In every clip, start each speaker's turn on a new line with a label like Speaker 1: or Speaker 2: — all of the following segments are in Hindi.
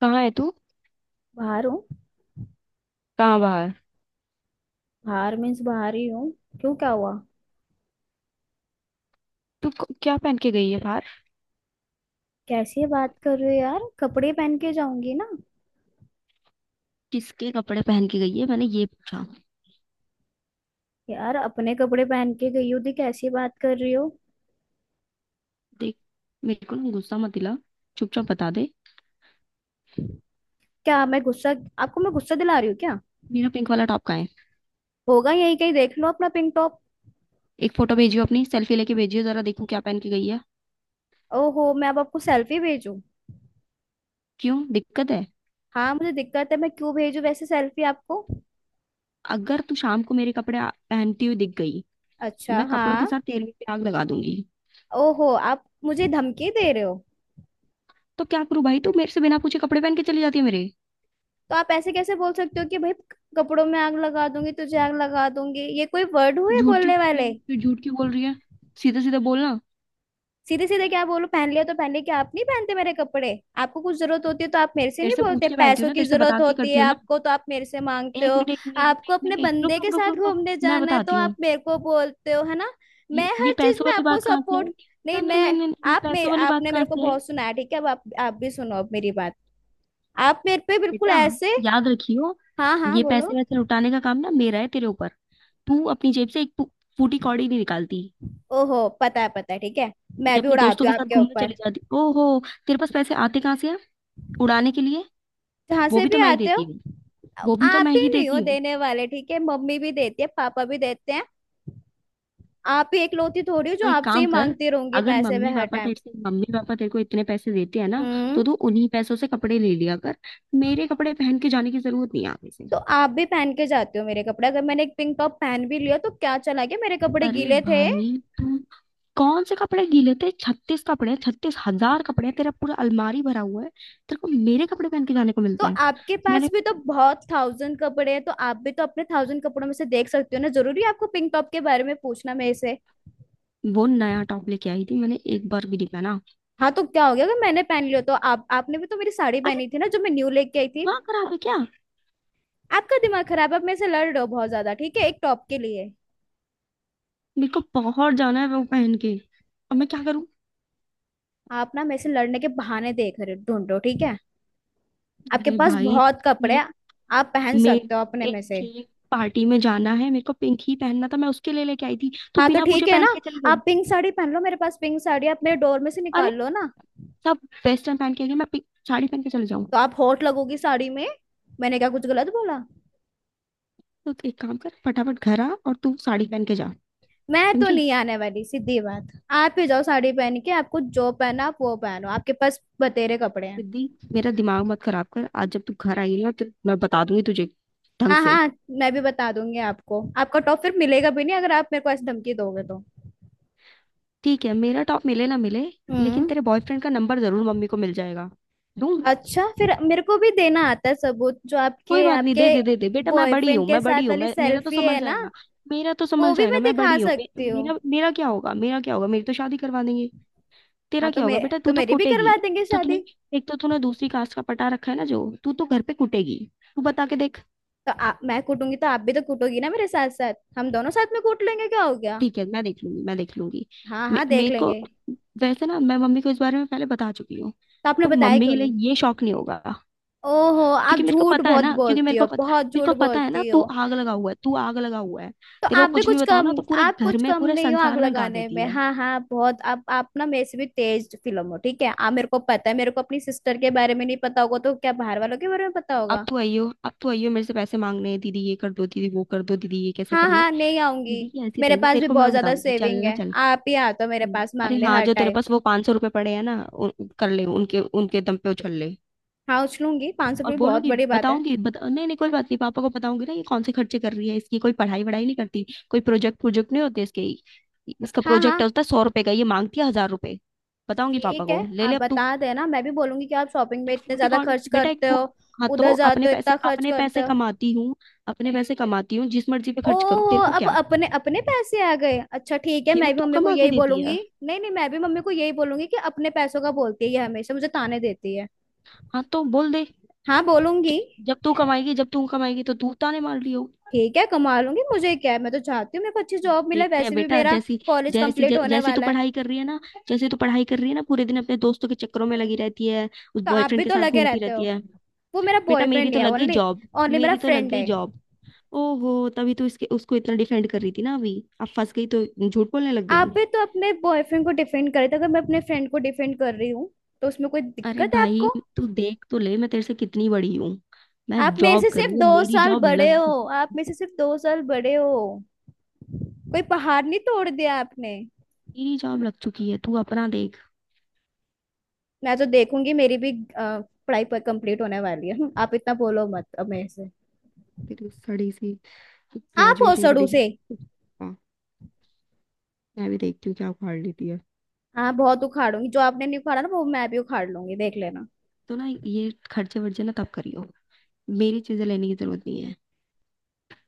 Speaker 1: कहाँ है तू।
Speaker 2: बाहर हूँ।
Speaker 1: कहाँ बाहर।
Speaker 2: बाहर मीन्स बाहर ही हूँ। क्यों, क्या हुआ?
Speaker 1: तू क्या पहन के गई है बाहर।
Speaker 2: कैसी बात कर रही हो यार, कपड़े पहन के जाऊंगी ना।
Speaker 1: किसके कपड़े पहन के गई है, मैंने ये पूछा।
Speaker 2: यार अपने कपड़े पहन के गई हो थी, कैसी बात कर रही हो।
Speaker 1: देख। मेरे को ना गुस्सा मत दिला। चुपचाप बता दे।
Speaker 2: क्या मैं गुस्सा? आपको मैं गुस्सा दिला रही हूँ क्या?
Speaker 1: मेरा पिंक वाला टॉप कहाँ है।
Speaker 2: होगा यही कहीं, देख लो अपना पिंक टॉप।
Speaker 1: एक फोटो भेजियो, अपनी सेल्फी लेके भेजियो, जरा देखूं क्या पहन के गई है।
Speaker 2: ओहो, मैं अब आपको सेल्फी भेजूं?
Speaker 1: क्यों, दिक्कत है?
Speaker 2: हाँ मुझे दिक्कत है, मैं क्यों भेजूं वैसे सेल्फी आपको।
Speaker 1: अगर तू शाम को मेरे कपड़े पहनती हुई दिख गई।
Speaker 2: अच्छा,
Speaker 1: मैं कपड़ों
Speaker 2: हाँ।
Speaker 1: के साथ तेल में भी आग लगा दूंगी।
Speaker 2: ओहो, आप मुझे धमकी दे रहे हो?
Speaker 1: तो क्या करूं भाई, तू मेरे से बिना पूछे कपड़े पहन के चली जाती है मेरे।
Speaker 2: तो आप ऐसे कैसे बोल सकते हो कि भाई, कपड़ों में आग लगा दूंगी, तुझे आग लगा दूंगी, ये कोई वर्ड
Speaker 1: तो
Speaker 2: हुए
Speaker 1: झूठ क्यों
Speaker 2: बोलने
Speaker 1: बोल रही
Speaker 2: वाले?
Speaker 1: है, फिर झूठ क्यों बोल रही है। सीधे सीधे बोलना।
Speaker 2: सीधे सीधे क्या बोलो, पहन लिया तो पहन लिया, क्या आप नहीं पहनते मेरे कपड़े? आपको कुछ जरूरत होती है तो आप मेरे से
Speaker 1: तेरे
Speaker 2: नहीं
Speaker 1: से पूछ
Speaker 2: बोलते?
Speaker 1: के पहनती हूँ
Speaker 2: पैसों
Speaker 1: ना,
Speaker 2: की
Speaker 1: तेरे से
Speaker 2: जरूरत
Speaker 1: बता के
Speaker 2: होती
Speaker 1: करती
Speaker 2: है
Speaker 1: हूँ ना।
Speaker 2: आपको तो आप मेरे से मांगते
Speaker 1: एक
Speaker 2: हो।
Speaker 1: मिनट, एक मिनट, एक मिनट,
Speaker 2: आपको
Speaker 1: एक
Speaker 2: अपने
Speaker 1: मिनट, एक रुक
Speaker 2: बंदे के
Speaker 1: रुक रुक
Speaker 2: साथ
Speaker 1: रुक रुक।
Speaker 2: घूमने
Speaker 1: मैं
Speaker 2: जाना है तो
Speaker 1: बताती हूँ।
Speaker 2: आप मेरे को बोलते हो, है ना?
Speaker 1: ये,
Speaker 2: मैं
Speaker 1: ये
Speaker 2: हर चीज
Speaker 1: पैसों
Speaker 2: में
Speaker 1: वाली
Speaker 2: आपको
Speaker 1: बात कहाँ से
Speaker 2: सपोर्ट।
Speaker 1: आई? ना
Speaker 2: नहीं
Speaker 1: ना ना
Speaker 2: मैं।
Speaker 1: ना ना, ये
Speaker 2: आप मेरे
Speaker 1: पैसों वाली बात
Speaker 2: आपने
Speaker 1: कहाँ
Speaker 2: मेरे को
Speaker 1: से आई?
Speaker 2: बहुत सुना है, ठीक है, अब आप भी सुनो अब मेरी बात। आप मेरे पे बिल्कुल
Speaker 1: बेटा,
Speaker 2: ऐसे।
Speaker 1: याद रखियो।
Speaker 2: हाँ हाँ
Speaker 1: ये
Speaker 2: बोलो।
Speaker 1: पैसे वैसे लुटाने का काम ना मेरा है तेरे ऊपर। तू अपनी जेब से एक फूटी कौड़ी नहीं निकालती।
Speaker 2: ओहो, पता है पता है, ठीक है। मैं
Speaker 1: ये
Speaker 2: भी
Speaker 1: अपने दोस्तों
Speaker 2: उड़ाती
Speaker 1: के
Speaker 2: हूँ
Speaker 1: साथ
Speaker 2: आपके
Speaker 1: घूमने चली
Speaker 2: ऊपर।
Speaker 1: जाती। ओहो। तेरे पास पैसे आते कहाँ से हैं उड़ाने के लिए?
Speaker 2: जहां
Speaker 1: वो
Speaker 2: से
Speaker 1: भी
Speaker 2: भी
Speaker 1: तो मैं ही
Speaker 2: आते हो।
Speaker 1: देती हूँ। वो भी तो मैं
Speaker 2: आप ही
Speaker 1: ही
Speaker 2: नहीं हो
Speaker 1: देती।
Speaker 2: देने वाले, ठीक है, मम्मी भी देती है पापा भी देते हैं। आप ही इकलौती थोड़ी हो जो
Speaker 1: तो एक
Speaker 2: आपसे ही
Speaker 1: काम कर,
Speaker 2: मांगती रहूंगी
Speaker 1: अगर
Speaker 2: पैसे
Speaker 1: मम्मी
Speaker 2: मैं हर
Speaker 1: पापा
Speaker 2: टाइम।
Speaker 1: तेरे को इतने पैसे देते हैं ना, तो
Speaker 2: हम्म।
Speaker 1: तू उन्हीं पैसों से कपड़े ले लिया कर। मेरे कपड़े पहन के जाने की जरूरत नहीं है आगे से।
Speaker 2: तो आप भी पहन के जाते हो मेरे कपड़े, अगर मैंने एक पिंक टॉप पहन भी लिया तो क्या चला गया, मेरे कपड़े
Speaker 1: अरे
Speaker 2: गीले थे।
Speaker 1: भाई तू। कौन से कपड़े गीले थे? 36 कपड़े हैं, 36,000 कपड़े हैं, तेरा पूरा अलमारी भरा हुआ है। तेरे को मेरे कपड़े पहन के जाने को
Speaker 2: तो
Speaker 1: मिलते हैं।
Speaker 2: आपके पास
Speaker 1: मैंने
Speaker 2: भी तो बहुत थाउजेंड कपड़े हैं, तो आप भी तो अपने थाउजेंड कपड़ों में से देख सकते हो ना, जरूरी है आपको पिंक टॉप के बारे में पूछना मेरे से?
Speaker 1: वो नया टॉप लेके आई थी, मैंने एक बार भी नहीं पहना।
Speaker 2: हाँ तो क्या हो गया अगर मैंने पहन लिया तो, आप आपने भी तो मेरी साड़ी
Speaker 1: अरे,
Speaker 2: पहनी थी ना जो मैं न्यू लेके आई थी।
Speaker 1: दिमाग खराब है क्या?
Speaker 2: आपका दिमाग खराब है, आप मेरे से लड़ रहे हो बहुत ज्यादा, ठीक है, एक टॉप के लिए।
Speaker 1: मेरे को बहुत जाना है वो पहन के। अब मैं क्या करूं?
Speaker 2: आप ना मेरे से लड़ने के बहाने देख रहे ढूंढो, ठीक है। आपके
Speaker 1: अरे
Speaker 2: पास
Speaker 1: भाई
Speaker 2: बहुत कपड़े हैं। आप पहन
Speaker 1: मेरे।
Speaker 2: सकते हो अपने
Speaker 1: एक
Speaker 2: में से।
Speaker 1: थी पार्टी में जाना, है मेरे को पिंक ही पहनना था, मैं उसके लिए लेके आई थी, तू
Speaker 2: हाँ तो
Speaker 1: बिना पूछे
Speaker 2: ठीक है ना।
Speaker 1: पहन के चली गई।
Speaker 2: आप पिंक साड़ी पहन लो, मेरे पास पिंक साड़ी है, आप मेरे डोर में से
Speaker 1: अरे,
Speaker 2: निकाल लो ना।
Speaker 1: सब वेस्टर्न पहन के गए, मैं पिंक साड़ी पहन के चले जाऊं?
Speaker 2: तो आप होट लगोगी साड़ी में। मैंने क्या कुछ गलत बोला?
Speaker 1: तो तू एक काम कर, फटाफट घर आ और तू साड़ी पहन के जा।
Speaker 2: मैं तो
Speaker 1: समझी
Speaker 2: नहीं आने वाली, सीधी बात। आप ही जाओ साड़ी पहन के, आपको जो पहना आप वो पहनो, आपके पास बतेरे कपड़े हैं।
Speaker 1: सिद्धि? मेरा दिमाग मत खराब कर, आज जब तू घर आई ना तो मैं बता दूंगी तुझे ढंग
Speaker 2: हाँ
Speaker 1: से।
Speaker 2: हाँ। मैं भी बता दूंगी आपको, आपका टॉप फिर मिलेगा भी नहीं अगर आप मेरे को ऐसी धमकी दोगे तो।
Speaker 1: ठीक है, मेरा टॉप मिले ना मिले, लेकिन
Speaker 2: हम्म।
Speaker 1: तेरे बॉयफ्रेंड का नंबर जरूर मम्मी को मिल जाएगा। दूं?
Speaker 2: अच्छा फिर मेरे को भी देना आता है सबूत, जो
Speaker 1: कोई
Speaker 2: आपके
Speaker 1: बात नहीं,
Speaker 2: आपके
Speaker 1: दे दे दे दे बेटा, मैं बड़ी हूँ,
Speaker 2: बॉयफ्रेंड के
Speaker 1: मैं
Speaker 2: साथ
Speaker 1: बड़ी हूँ,
Speaker 2: वाली
Speaker 1: मैं मेरा तो
Speaker 2: सेल्फी
Speaker 1: संभल
Speaker 2: है ना,
Speaker 1: जाएगा। मेरा तो संभल
Speaker 2: वो भी
Speaker 1: जाएगा,
Speaker 2: मैं
Speaker 1: मैं
Speaker 2: दिखा
Speaker 1: बड़ी हूँ, मे,
Speaker 2: सकती हूँ।
Speaker 1: मेरा मेरा क्या होगा, मेरा क्या होगा, मेरी तो शादी करवा देंगे।
Speaker 2: हाँ
Speaker 1: तेरा
Speaker 2: तो
Speaker 1: क्या होगा
Speaker 2: मैं।
Speaker 1: बेटा?
Speaker 2: तो
Speaker 1: तू तो
Speaker 2: मेरी भी
Speaker 1: कुटेगी।
Speaker 2: करवा देंगे
Speaker 1: एक तो
Speaker 2: शादी।
Speaker 1: तूने एक तो तूने दूसरी कास्ट का पटा रखा है ना, जो तू तो घर पे कुटेगी। तू बता के देख।
Speaker 2: तो मैं कूटूंगी तो आप भी तो कूटोगी ना मेरे साथ, साथ हम दोनों साथ में कूट लेंगे, क्या हो गया?
Speaker 1: ठीक है, मैं देख लूंगी, मैं देख लूंगी।
Speaker 2: हाँ हाँ देख
Speaker 1: मेरे को
Speaker 2: लेंगे।
Speaker 1: वैसे ना मैं मम्मी को इस बारे में पहले बता चुकी हूँ,
Speaker 2: तो आपने
Speaker 1: तो
Speaker 2: बताया
Speaker 1: मम्मी
Speaker 2: क्यों
Speaker 1: के
Speaker 2: नहीं?
Speaker 1: लिए ये शौक नहीं होगा।
Speaker 2: ओहो,
Speaker 1: क्योंकि
Speaker 2: आप
Speaker 1: मेरे को
Speaker 2: झूठ
Speaker 1: पता है
Speaker 2: बहुत
Speaker 1: ना, क्योंकि
Speaker 2: बोलती हो, बहुत
Speaker 1: मेरे
Speaker 2: झूठ
Speaker 1: को पता है ना,
Speaker 2: बोलती
Speaker 1: तू
Speaker 2: हो।
Speaker 1: आग लगा हुआ है, तू आग लगा हुआ है।
Speaker 2: तो
Speaker 1: तेरे को
Speaker 2: आप भी
Speaker 1: कुछ भी
Speaker 2: कुछ
Speaker 1: बताओ
Speaker 2: कम।
Speaker 1: ना तो पूरे
Speaker 2: आप
Speaker 1: घर
Speaker 2: कुछ
Speaker 1: में
Speaker 2: कम
Speaker 1: पूरे
Speaker 2: नहीं हो आग
Speaker 1: संसार में गा
Speaker 2: लगाने में,
Speaker 1: देती है।
Speaker 2: हाँ हाँ बहुत, आप ना मेरे से भी तेज फिल्म हो, ठीक है। आ मेरे को पता है, मेरे को अपनी सिस्टर के बारे में नहीं पता होगा तो क्या बाहर वालों के बारे में पता
Speaker 1: अब
Speaker 2: होगा?
Speaker 1: तो आइयो, अब तो आइयो, मेरे से पैसे मांगने हैं, दीदी ये कर दो, दीदी वो कर दो, दीदी ये कैसे
Speaker 2: हाँ
Speaker 1: करना है।
Speaker 2: हाँ नहीं आऊंगी।
Speaker 1: दीदी की ऐसी
Speaker 2: मेरे
Speaker 1: तैसी,
Speaker 2: पास
Speaker 1: तेरे
Speaker 2: भी
Speaker 1: को
Speaker 2: बहुत
Speaker 1: मैं
Speaker 2: ज्यादा
Speaker 1: बताऊंगी, चल
Speaker 2: सेविंग
Speaker 1: ना
Speaker 2: है,
Speaker 1: चल।
Speaker 2: आप ही आते हो मेरे
Speaker 1: हम्म।
Speaker 2: पास
Speaker 1: अरे
Speaker 2: मांगने
Speaker 1: हाँ,
Speaker 2: हर
Speaker 1: जो तेरे
Speaker 2: टाइम।
Speaker 1: पास वो 500 रुपए पड़े हैं ना कर ले, उनके उनके दम पे उछल ले।
Speaker 2: हाँ उछलूंगी, पाँच सौ
Speaker 1: और
Speaker 2: रुपये बहुत
Speaker 1: बोलूंगी,
Speaker 2: बड़ी बात है।
Speaker 1: बताऊंगी, नहीं नहीं, कोई बात नहीं, पापा को बताऊंगी ना, ये कौन से खर्चे कर रही है, इसकी कोई पढ़ाई वढ़ाई नहीं करती, कोई प्रोजेक्ट प्रोजेक्ट नहीं होते इसके। इसका
Speaker 2: हाँ
Speaker 1: प्रोजेक्ट
Speaker 2: हाँ
Speaker 1: होता है 100 रुपए का, ये मांगती है 1000 रुपए। बताऊंगी पापा
Speaker 2: ठीक है।
Speaker 1: को, ले
Speaker 2: आप
Speaker 1: ले अब तू।
Speaker 2: बता देना, मैं भी बोलूंगी कि आप शॉपिंग में
Speaker 1: एक
Speaker 2: इतने
Speaker 1: फूटी
Speaker 2: ज्यादा
Speaker 1: कौन है?
Speaker 2: खर्च
Speaker 1: बेटा एक
Speaker 2: करते हो,
Speaker 1: फूट। हाँ
Speaker 2: उधर
Speaker 1: तो
Speaker 2: जाते
Speaker 1: अपने
Speaker 2: हो
Speaker 1: पैसे
Speaker 2: इतना खर्च
Speaker 1: अपने
Speaker 2: करते
Speaker 1: पैसे
Speaker 2: हो।
Speaker 1: कमाती हूँ। अपने पैसे कमाती हूँ, जिस मर्जी पे खर्च करूँ,
Speaker 2: ओहो,
Speaker 1: तेरे को
Speaker 2: अब
Speaker 1: क्या?
Speaker 2: अपने अपने पैसे आ गए, अच्छा ठीक है,
Speaker 1: क्यों,
Speaker 2: मैं भी
Speaker 1: तू
Speaker 2: मम्मी को
Speaker 1: कमा के
Speaker 2: यही
Speaker 1: देती
Speaker 2: बोलूंगी।
Speaker 1: है?
Speaker 2: नहीं नहीं, मैं भी मम्मी को यही बोलूंगी कि अपने पैसों का बोलती है, ये हमेशा मुझे ताने देती है।
Speaker 1: हाँ तो बोल दे।
Speaker 2: हाँ बोलूंगी।
Speaker 1: जब जब तू कमाएगी तो तू ताने मार रही हो।
Speaker 2: ठीक है कमा लूंगी, मुझे क्या है, मैं तो चाहती हूँ मेरे को अच्छी जॉब मिले,
Speaker 1: देखते हैं
Speaker 2: वैसे भी
Speaker 1: बेटा,
Speaker 2: मेरा
Speaker 1: जैसी,
Speaker 2: कॉलेज
Speaker 1: जैसी
Speaker 2: कंप्लीट होने
Speaker 1: जैसी तू
Speaker 2: वाला है।
Speaker 1: पढ़ाई कर रही है ना। जैसे तू पढ़ाई कर रही है ना, पूरे दिन अपने दोस्तों के चक्करों में लगी रहती है, उस
Speaker 2: तो आप भी
Speaker 1: बॉयफ्रेंड के
Speaker 2: तो
Speaker 1: साथ
Speaker 2: लगे
Speaker 1: घूमती
Speaker 2: रहते
Speaker 1: रहती
Speaker 2: हो,
Speaker 1: है।
Speaker 2: वो मेरा
Speaker 1: बेटा, मेरी
Speaker 2: बॉयफ्रेंड
Speaker 1: तो
Speaker 2: है
Speaker 1: लग गई
Speaker 2: ओनली,
Speaker 1: जॉब।
Speaker 2: ओनली मेरा
Speaker 1: मेरी तो लग
Speaker 2: फ्रेंड
Speaker 1: गई
Speaker 2: है।
Speaker 1: जॉब। ओहो, तभी तो इसके उसको इतना डिफेंड कर रही थी ना अभी। अब फंस गई तो झूठ बोलने लग
Speaker 2: आप
Speaker 1: गई।
Speaker 2: भी तो अपने बॉयफ्रेंड को डिफेंड करते हो, अगर मैं अपने फ्रेंड को डिफेंड कर रही हूँ तो उसमें कोई
Speaker 1: अरे
Speaker 2: दिक्कत है
Speaker 1: भाई,
Speaker 2: आपको?
Speaker 1: तू देख तो ले मैं तेरे से कितनी बड़ी हूँ। मैं
Speaker 2: आप मेरे
Speaker 1: जॉब
Speaker 2: से
Speaker 1: कर
Speaker 2: सिर्फ
Speaker 1: रही हूँ,
Speaker 2: दो
Speaker 1: मेरी
Speaker 2: साल
Speaker 1: जॉब
Speaker 2: बड़े
Speaker 1: लग
Speaker 2: हो।
Speaker 1: चुकी।
Speaker 2: आप मेरे से सिर्फ दो साल बड़े हो। कोई पहाड़ नहीं तोड़ दिया आपने।
Speaker 1: मेरी जॉब लग चुकी है, तू अपना देख।
Speaker 2: मैं तो देखूंगी मेरी भी अ, पढ़ाई पर कंप्लीट होने वाली है। आप इतना बोलो मत अब मेरे से।
Speaker 1: तेरी सड़ी सी
Speaker 2: आप
Speaker 1: ग्रेजुएशन की
Speaker 2: ओसड़ू
Speaker 1: डिग्री,
Speaker 2: से।
Speaker 1: मैं भी देखती हूँ क्या उखाड़ लेती है।
Speaker 2: हाँ बहुत उखाड़ूंगी, जो आपने नहीं उखाड़ा ना वो मैं भी उखाड़ लूंगी, देख लेना।
Speaker 1: तो ना ये खर्चे वर्चे ना तब करियो, मेरी चीजें लेने की जरूरत नहीं है।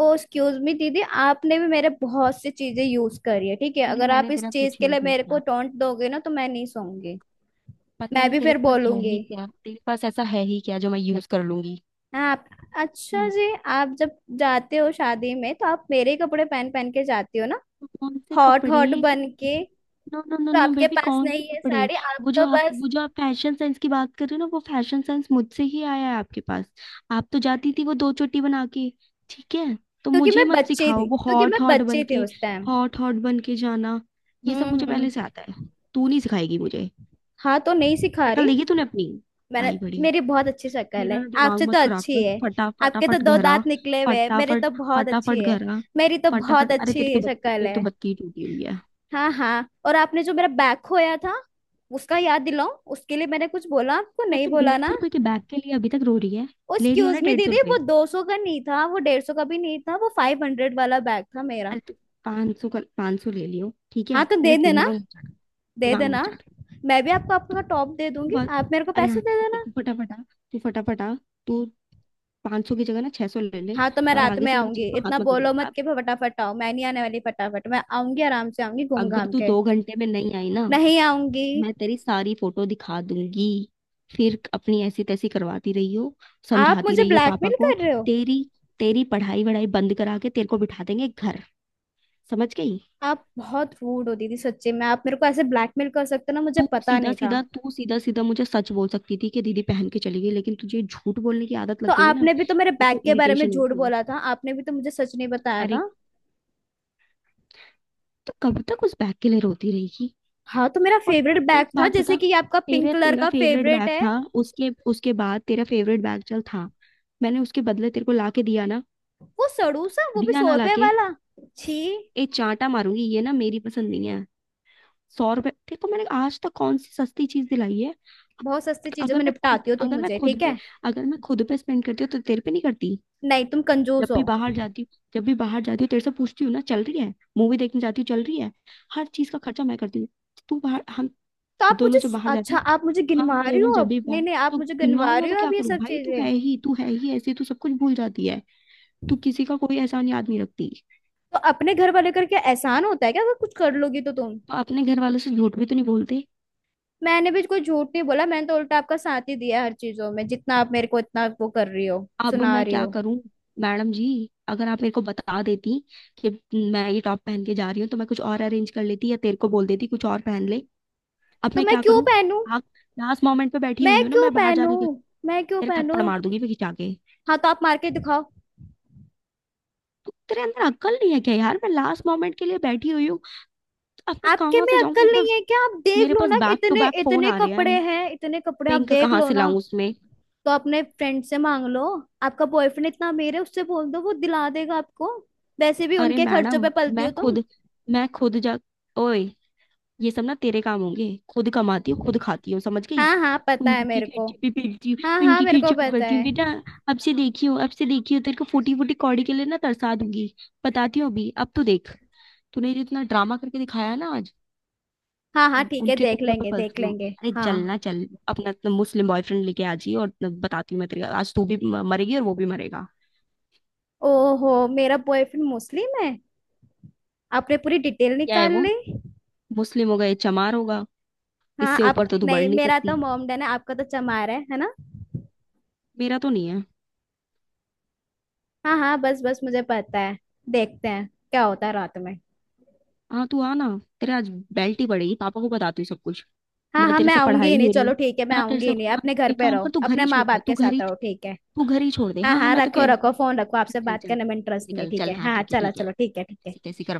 Speaker 2: ओ एक्सक्यूज मी दीदी, आपने भी मेरे बहुत सी चीजें यूज करी है, ठीक है,
Speaker 1: अरे,
Speaker 2: अगर आप
Speaker 1: मैंने
Speaker 2: इस
Speaker 1: तेरा
Speaker 2: चीज
Speaker 1: कुछ
Speaker 2: के
Speaker 1: यूज
Speaker 2: लिए
Speaker 1: नहीं
Speaker 2: मेरे को
Speaker 1: किया।
Speaker 2: टोंट दोगे ना तो मैं नहीं सोऊंगी।
Speaker 1: पता
Speaker 2: मैं
Speaker 1: नहीं
Speaker 2: भी
Speaker 1: तेरे
Speaker 2: फिर
Speaker 1: पास है
Speaker 2: बोलूंगी।
Speaker 1: ही क्या, तेरे पास ऐसा है ही क्या जो मैं यूज कर लूंगी।
Speaker 2: आप। अच्छा
Speaker 1: हम्म।
Speaker 2: जी। आप जब जाते हो शादी में तो आप मेरे ही कपड़े पहन पहन के जाती हो ना,
Speaker 1: तो कौन से
Speaker 2: हॉट
Speaker 1: कपड़े?
Speaker 2: हॉट बन के। तो
Speaker 1: नो नो नो नो
Speaker 2: आपके
Speaker 1: बेबी,
Speaker 2: पास
Speaker 1: कौन से
Speaker 2: नहीं है
Speaker 1: कपड़े?
Speaker 2: साड़ी, आप
Speaker 1: वो
Speaker 2: तो
Speaker 1: जो आप
Speaker 2: बस।
Speaker 1: वो जो आप फैशन सेंस की बात कर रहे हो ना, वो फैशन सेंस मुझसे ही आया है आपके पास। आप तो जाती थी वो दो चोटी बना के। ठीक है, तो
Speaker 2: क्योंकि मैं
Speaker 1: मुझे मत
Speaker 2: बच्चे थी,
Speaker 1: सिखाओ वो
Speaker 2: क्योंकि मैं
Speaker 1: हॉट हॉट बन
Speaker 2: बच्चे थे
Speaker 1: के।
Speaker 2: उस टाइम।
Speaker 1: हॉट हॉट बन के जाना, ये सब मुझे पहले से
Speaker 2: हम्म।
Speaker 1: आता है। तू नहीं सिखाएगी मुझे।
Speaker 2: हाँ तो नहीं सिखा
Speaker 1: शक्ल
Speaker 2: रही।
Speaker 1: देखी तूने अपनी?
Speaker 2: मैंने।
Speaker 1: आई बड़ी।
Speaker 2: मेरी बहुत अच्छी शक्ल
Speaker 1: मेरा
Speaker 2: है,
Speaker 1: ना दिमाग
Speaker 2: आपसे तो
Speaker 1: मत खराब
Speaker 2: अच्छी
Speaker 1: कर,
Speaker 2: है। आपके तो
Speaker 1: फटाफट
Speaker 2: दो
Speaker 1: घर आ।
Speaker 2: दांत निकले हुए हैं, मेरे
Speaker 1: फटाफट,
Speaker 2: तो बहुत अच्छी
Speaker 1: फटाफट
Speaker 2: है।
Speaker 1: घर आ,
Speaker 2: मेरी तो बहुत
Speaker 1: फटाफट। अरे
Speaker 2: अच्छी शक्ल
Speaker 1: तेरी तो
Speaker 2: है।
Speaker 1: बत्ती ही टूटी हुई है।
Speaker 2: हाँ हाँ, और आपने जो मेरा बैग खोया था उसका याद दिलाओ, उसके लिए मैंने कुछ बोला आपको,
Speaker 1: ये
Speaker 2: नहीं
Speaker 1: तो
Speaker 2: बोला
Speaker 1: डेढ़
Speaker 2: ना।
Speaker 1: सौ रुपए के बैग के लिए अभी तक रो रही है। ले रही हो ना
Speaker 2: एक्सक्यूज मी
Speaker 1: डेढ़ सौ
Speaker 2: दीदी, वो
Speaker 1: रुपए
Speaker 2: 200 का नहीं था, वो 150 का भी नहीं था, वो 500 वाला बैग था मेरा।
Speaker 1: अरे तो 500 का 500 ले लियो, ठीक है,
Speaker 2: हाँ तो
Speaker 1: मेरा
Speaker 2: दे देना,
Speaker 1: दिमाग मत चाट,
Speaker 2: दे
Speaker 1: दिमाग मत
Speaker 2: देना,
Speaker 1: चाट।
Speaker 2: मैं भी आपको आपका टॉप दे
Speaker 1: तू
Speaker 2: दूंगी,
Speaker 1: बस,
Speaker 2: आप मेरे को
Speaker 1: अरे हाँ
Speaker 2: पैसे दे
Speaker 1: ठीक है,
Speaker 2: देना।
Speaker 1: तू फटाफट आ, तू फटाफट आ। तू 500 की जगह ना 600 ले ले।
Speaker 2: हाँ तो मैं
Speaker 1: और
Speaker 2: रात
Speaker 1: आगे
Speaker 2: में
Speaker 1: से मेरी चीज
Speaker 2: आऊंगी,
Speaker 1: को
Speaker 2: इतना
Speaker 1: हाथ मत लगे
Speaker 2: बोलो मत
Speaker 1: अब।
Speaker 2: कि फटाफट आओ, मैं नहीं आने वाली फटाफट, मैं आऊंगी आराम से आऊंगी घूम
Speaker 1: अगर
Speaker 2: घाम
Speaker 1: तू
Speaker 2: के।
Speaker 1: 2 घंटे में नहीं आई ना,
Speaker 2: नहीं आऊंगी।
Speaker 1: मैं तेरी सारी फोटो दिखा दूंगी, फिर अपनी ऐसी तैसी करवाती रही हो,
Speaker 2: आप
Speaker 1: समझाती
Speaker 2: मुझे
Speaker 1: रही हो पापा
Speaker 2: ब्लैकमेल
Speaker 1: को।
Speaker 2: कर रहे हो?
Speaker 1: तेरी तेरी पढ़ाई वढ़ाई बंद करा के तेरे को बिठा देंगे घर, समझ गई?
Speaker 2: आप बहुत रूड हो दीदी, सच्ची में आप मेरे को ऐसे ब्लैकमेल कर सकते हो ना, मुझे
Speaker 1: तू
Speaker 2: पता
Speaker 1: सीधा
Speaker 2: नहीं था।
Speaker 1: सीधा तू सीधा सीधा मुझे सच बोल सकती थी कि दीदी पहन के चली गई, लेकिन तुझे झूठ बोलने की आदत
Speaker 2: तो
Speaker 1: लग गई है ना,
Speaker 2: आपने भी तो मेरे
Speaker 1: मेरे
Speaker 2: बैग
Speaker 1: को
Speaker 2: के बारे में
Speaker 1: इरिटेशन
Speaker 2: झूठ
Speaker 1: होती है।
Speaker 2: बोला था, आपने भी तो मुझे सच नहीं बताया
Speaker 1: अरे
Speaker 2: था।
Speaker 1: तो कब तक उस बैग के लिए रोती रहेगी?
Speaker 2: हाँ तो मेरा
Speaker 1: और
Speaker 2: फेवरेट बैग
Speaker 1: एक
Speaker 2: था,
Speaker 1: बात बता,
Speaker 2: जैसे कि ये आपका पिंक
Speaker 1: तेरे
Speaker 2: कलर
Speaker 1: तेरा
Speaker 2: का
Speaker 1: फेवरेट
Speaker 2: फेवरेट
Speaker 1: बैग
Speaker 2: है।
Speaker 1: था, उसके उसके बाद तेरा फेवरेट बैग चल था, मैंने उसके बदले तेरे को ला के दिया ना,
Speaker 2: वो सड़ू सा, वो भी
Speaker 1: दिया
Speaker 2: सौ
Speaker 1: ना
Speaker 2: रुपए
Speaker 1: लाके।
Speaker 2: वाला। छी।
Speaker 1: एक चांटा मारूंगी, ये ना मेरी पसंद नहीं है। 100 रुपए, देखो मैंने आज तक कौन सी सस्ती चीज दिलाई है।
Speaker 2: बहुत सस्ती चीजों
Speaker 1: अगर
Speaker 2: में
Speaker 1: मैं खुद
Speaker 2: निपटाती हो तुम
Speaker 1: अगर मैं
Speaker 2: मुझे,
Speaker 1: खुद
Speaker 2: ठीक
Speaker 1: पे
Speaker 2: है।
Speaker 1: अगर मैं खुद पे स्पेंड करती हूँ तो तेरे पे नहीं करती।
Speaker 2: नहीं तुम
Speaker 1: जब
Speaker 2: कंजूस हो।
Speaker 1: भी बाहर जाती हूँ जब भी बाहर जाती हूँ तेरे से पूछती हूँ ना, चल रही है? मूवी देखने जाती हूँ, चल रही है? हर चीज का खर्चा मैं करती हूँ। तू बाहर हम
Speaker 2: तो आप
Speaker 1: दोनों
Speaker 2: मुझे।
Speaker 1: जब बाहर जाते
Speaker 2: अच्छा
Speaker 1: हैं,
Speaker 2: आप मुझे
Speaker 1: हम
Speaker 2: गिनवा रही
Speaker 1: दोनों
Speaker 2: हो
Speaker 1: जब
Speaker 2: अब,
Speaker 1: भी
Speaker 2: नहीं
Speaker 1: बाहर
Speaker 2: नहीं, आप
Speaker 1: तो
Speaker 2: मुझे
Speaker 1: गिनवाऊं
Speaker 2: गिनवा
Speaker 1: ना?
Speaker 2: रही
Speaker 1: तो
Speaker 2: हो
Speaker 1: क्या
Speaker 2: अब ये
Speaker 1: करूं
Speaker 2: सब
Speaker 1: भाई, तू
Speaker 2: चीजें।
Speaker 1: है ही तू है ही ऐसी, तू सब कुछ भूल जाती है, तू किसी का कोई एहसान याद नहीं रखती।
Speaker 2: तो अपने घर वाले करके एहसान होता है क्या, अगर कुछ कर लोगी तो तुम?
Speaker 1: तो अपने घर वालों से झूठ भी तो नहीं बोलते।
Speaker 2: मैंने भी कोई झूठ नहीं बोला, मैंने तो उल्टा आपका साथ ही दिया हर चीजों में, जितना आप मेरे को इतना वो कर रही हो,
Speaker 1: अब
Speaker 2: सुना
Speaker 1: मैं
Speaker 2: रही
Speaker 1: क्या
Speaker 2: हो।
Speaker 1: करूं मैडम जी? अगर आप मेरे को बता देती कि मैं ये टॉप पहन के जा रही हूँ, तो मैं कुछ और अरेंज कर लेती या तेरे को बोल देती कुछ और पहन ले। अब
Speaker 2: तो
Speaker 1: मैं
Speaker 2: मैं
Speaker 1: क्या
Speaker 2: क्यों
Speaker 1: करूं?
Speaker 2: पहनूं?
Speaker 1: आप, लास्ट मोमेंट पे बैठी हुई
Speaker 2: मैं
Speaker 1: हूँ ना
Speaker 2: क्यों
Speaker 1: मैं बाहर
Speaker 2: पहनूं?
Speaker 1: जाने के लिए।
Speaker 2: मैं क्यों
Speaker 1: तेरे थप्पड़
Speaker 2: पहनूं?
Speaker 1: मार दूंगी मैं खिंचा के।
Speaker 2: हाँ तो आप मार के दिखाओ।
Speaker 1: तो तेरे अंदर अक्ल नहीं है क्या यार, मैं लास्ट मोमेंट के लिए बैठी हुई हूँ, तो अब मैं
Speaker 2: आपके
Speaker 1: कहाँ
Speaker 2: में
Speaker 1: से जाऊँ?
Speaker 2: अक्ल
Speaker 1: मेरे
Speaker 2: नहीं
Speaker 1: पास,
Speaker 2: है क्या? आप देख
Speaker 1: मेरे
Speaker 2: लो
Speaker 1: पास
Speaker 2: ना कि
Speaker 1: बैक टू
Speaker 2: इतने
Speaker 1: बैक फोन
Speaker 2: इतने
Speaker 1: आ रहे
Speaker 2: कपड़े
Speaker 1: हैं,
Speaker 2: हैं इतने कपड़े, आप
Speaker 1: पिंक
Speaker 2: देख
Speaker 1: कहाँ
Speaker 2: लो
Speaker 1: से
Speaker 2: ना।
Speaker 1: लाऊं उसमें?
Speaker 2: तो अपने फ्रेंड से मांग लो, आपका बॉयफ्रेंड इतना अमीर है, उससे बोल दो वो दिला देगा आपको। वैसे भी
Speaker 1: अरे
Speaker 2: उनके खर्चों पे
Speaker 1: मैडम,
Speaker 2: पलती
Speaker 1: मैं
Speaker 2: हो तुम।
Speaker 1: खुद, मैं खुद जा। ओए, ये सब ना तेरे काम होंगे, खुद कमाती हूँ खुद खाती हूँ, समझ गई?
Speaker 2: हाँ हाँ पता है
Speaker 1: उनकी
Speaker 2: मेरे को।
Speaker 1: खर्चे पे फिरती
Speaker 2: हाँ
Speaker 1: हूँ,
Speaker 2: हाँ
Speaker 1: उनकी
Speaker 2: मेरे को
Speaker 1: खर्चे पे
Speaker 2: पता
Speaker 1: करती हूँ
Speaker 2: है।
Speaker 1: बेटा। अब से देखियो, अब से देखियो, तेरे को फूटी फूटी कौड़ी के लिए ना तरसा दूंगी। बताती हूँ अभी, अब तो देख तूने जो इतना ड्रामा करके दिखाया ना आज।
Speaker 2: हाँ हाँ ठीक है,
Speaker 1: उनके
Speaker 2: देख
Speaker 1: टुकड़े पर
Speaker 2: लेंगे देख
Speaker 1: पलती हूँ।
Speaker 2: लेंगे।
Speaker 1: अरे
Speaker 2: हाँ।
Speaker 1: चलना चल, अपना अपना मुस्लिम बॉयफ्रेंड लेके आ जी, और बताती हूँ मैं तेरे को। आज तू भी मरेगी और वो भी मरेगा।
Speaker 2: ओहो, मेरा बॉयफ्रेंड मुस्लिम है, आपने पूरी डिटेल
Speaker 1: क्या है
Speaker 2: निकाल
Speaker 1: वो,
Speaker 2: ली?
Speaker 1: मुस्लिम होगा, ये चमार होगा,
Speaker 2: हाँ
Speaker 1: इससे
Speaker 2: आप
Speaker 1: ऊपर तो तू बढ़
Speaker 2: नहीं,
Speaker 1: नहीं
Speaker 2: मेरा तो
Speaker 1: सकती।
Speaker 2: मोमडन है, आपका तो चमार है ना?
Speaker 1: मेरा तो नहीं है।
Speaker 2: हाँ हाँ बस बस मुझे पता है। देखते हैं क्या होता है रात में।
Speaker 1: हाँ तू आ ना, तेरा आज बेल्ट ही पड़ेगी, पापा को बताती हूँ सब कुछ।
Speaker 2: हाँ
Speaker 1: ना
Speaker 2: हाँ
Speaker 1: तेरे
Speaker 2: मैं
Speaker 1: से
Speaker 2: आऊंगी ही
Speaker 1: पढ़ाई
Speaker 2: नहीं,
Speaker 1: हो रही है,
Speaker 2: चलो ठीक है, मैं
Speaker 1: ना तेरे
Speaker 2: आऊंगी
Speaker 1: से।
Speaker 2: ही नहीं,
Speaker 1: हाँ,
Speaker 2: अपने घर
Speaker 1: एक
Speaker 2: पे
Speaker 1: काम कर,
Speaker 2: रहो
Speaker 1: तू घर
Speaker 2: अपने
Speaker 1: ही
Speaker 2: माँ
Speaker 1: छोड़ दे,
Speaker 2: बाप
Speaker 1: तू
Speaker 2: के
Speaker 1: घर
Speaker 2: साथ
Speaker 1: ही,
Speaker 2: रहो, ठीक है।
Speaker 1: तू घर ही छोड़ दे।
Speaker 2: हाँ
Speaker 1: हाँ हाँ,
Speaker 2: हाँ
Speaker 1: मैं तो
Speaker 2: रखो
Speaker 1: कह रही थी।
Speaker 2: रखो फोन, रखो,
Speaker 1: चल
Speaker 2: आपसे
Speaker 1: चल
Speaker 2: बात
Speaker 1: चल,
Speaker 2: करने में इंटरेस्ट नहीं है,
Speaker 1: निकल
Speaker 2: ठीक
Speaker 1: चल,
Speaker 2: है,
Speaker 1: हाँ
Speaker 2: हाँ
Speaker 1: ठीक है
Speaker 2: चलो
Speaker 1: ठीक है।
Speaker 2: चलो ठीक है ठीक
Speaker 1: ऐसे
Speaker 2: है।
Speaker 1: कैसे कर।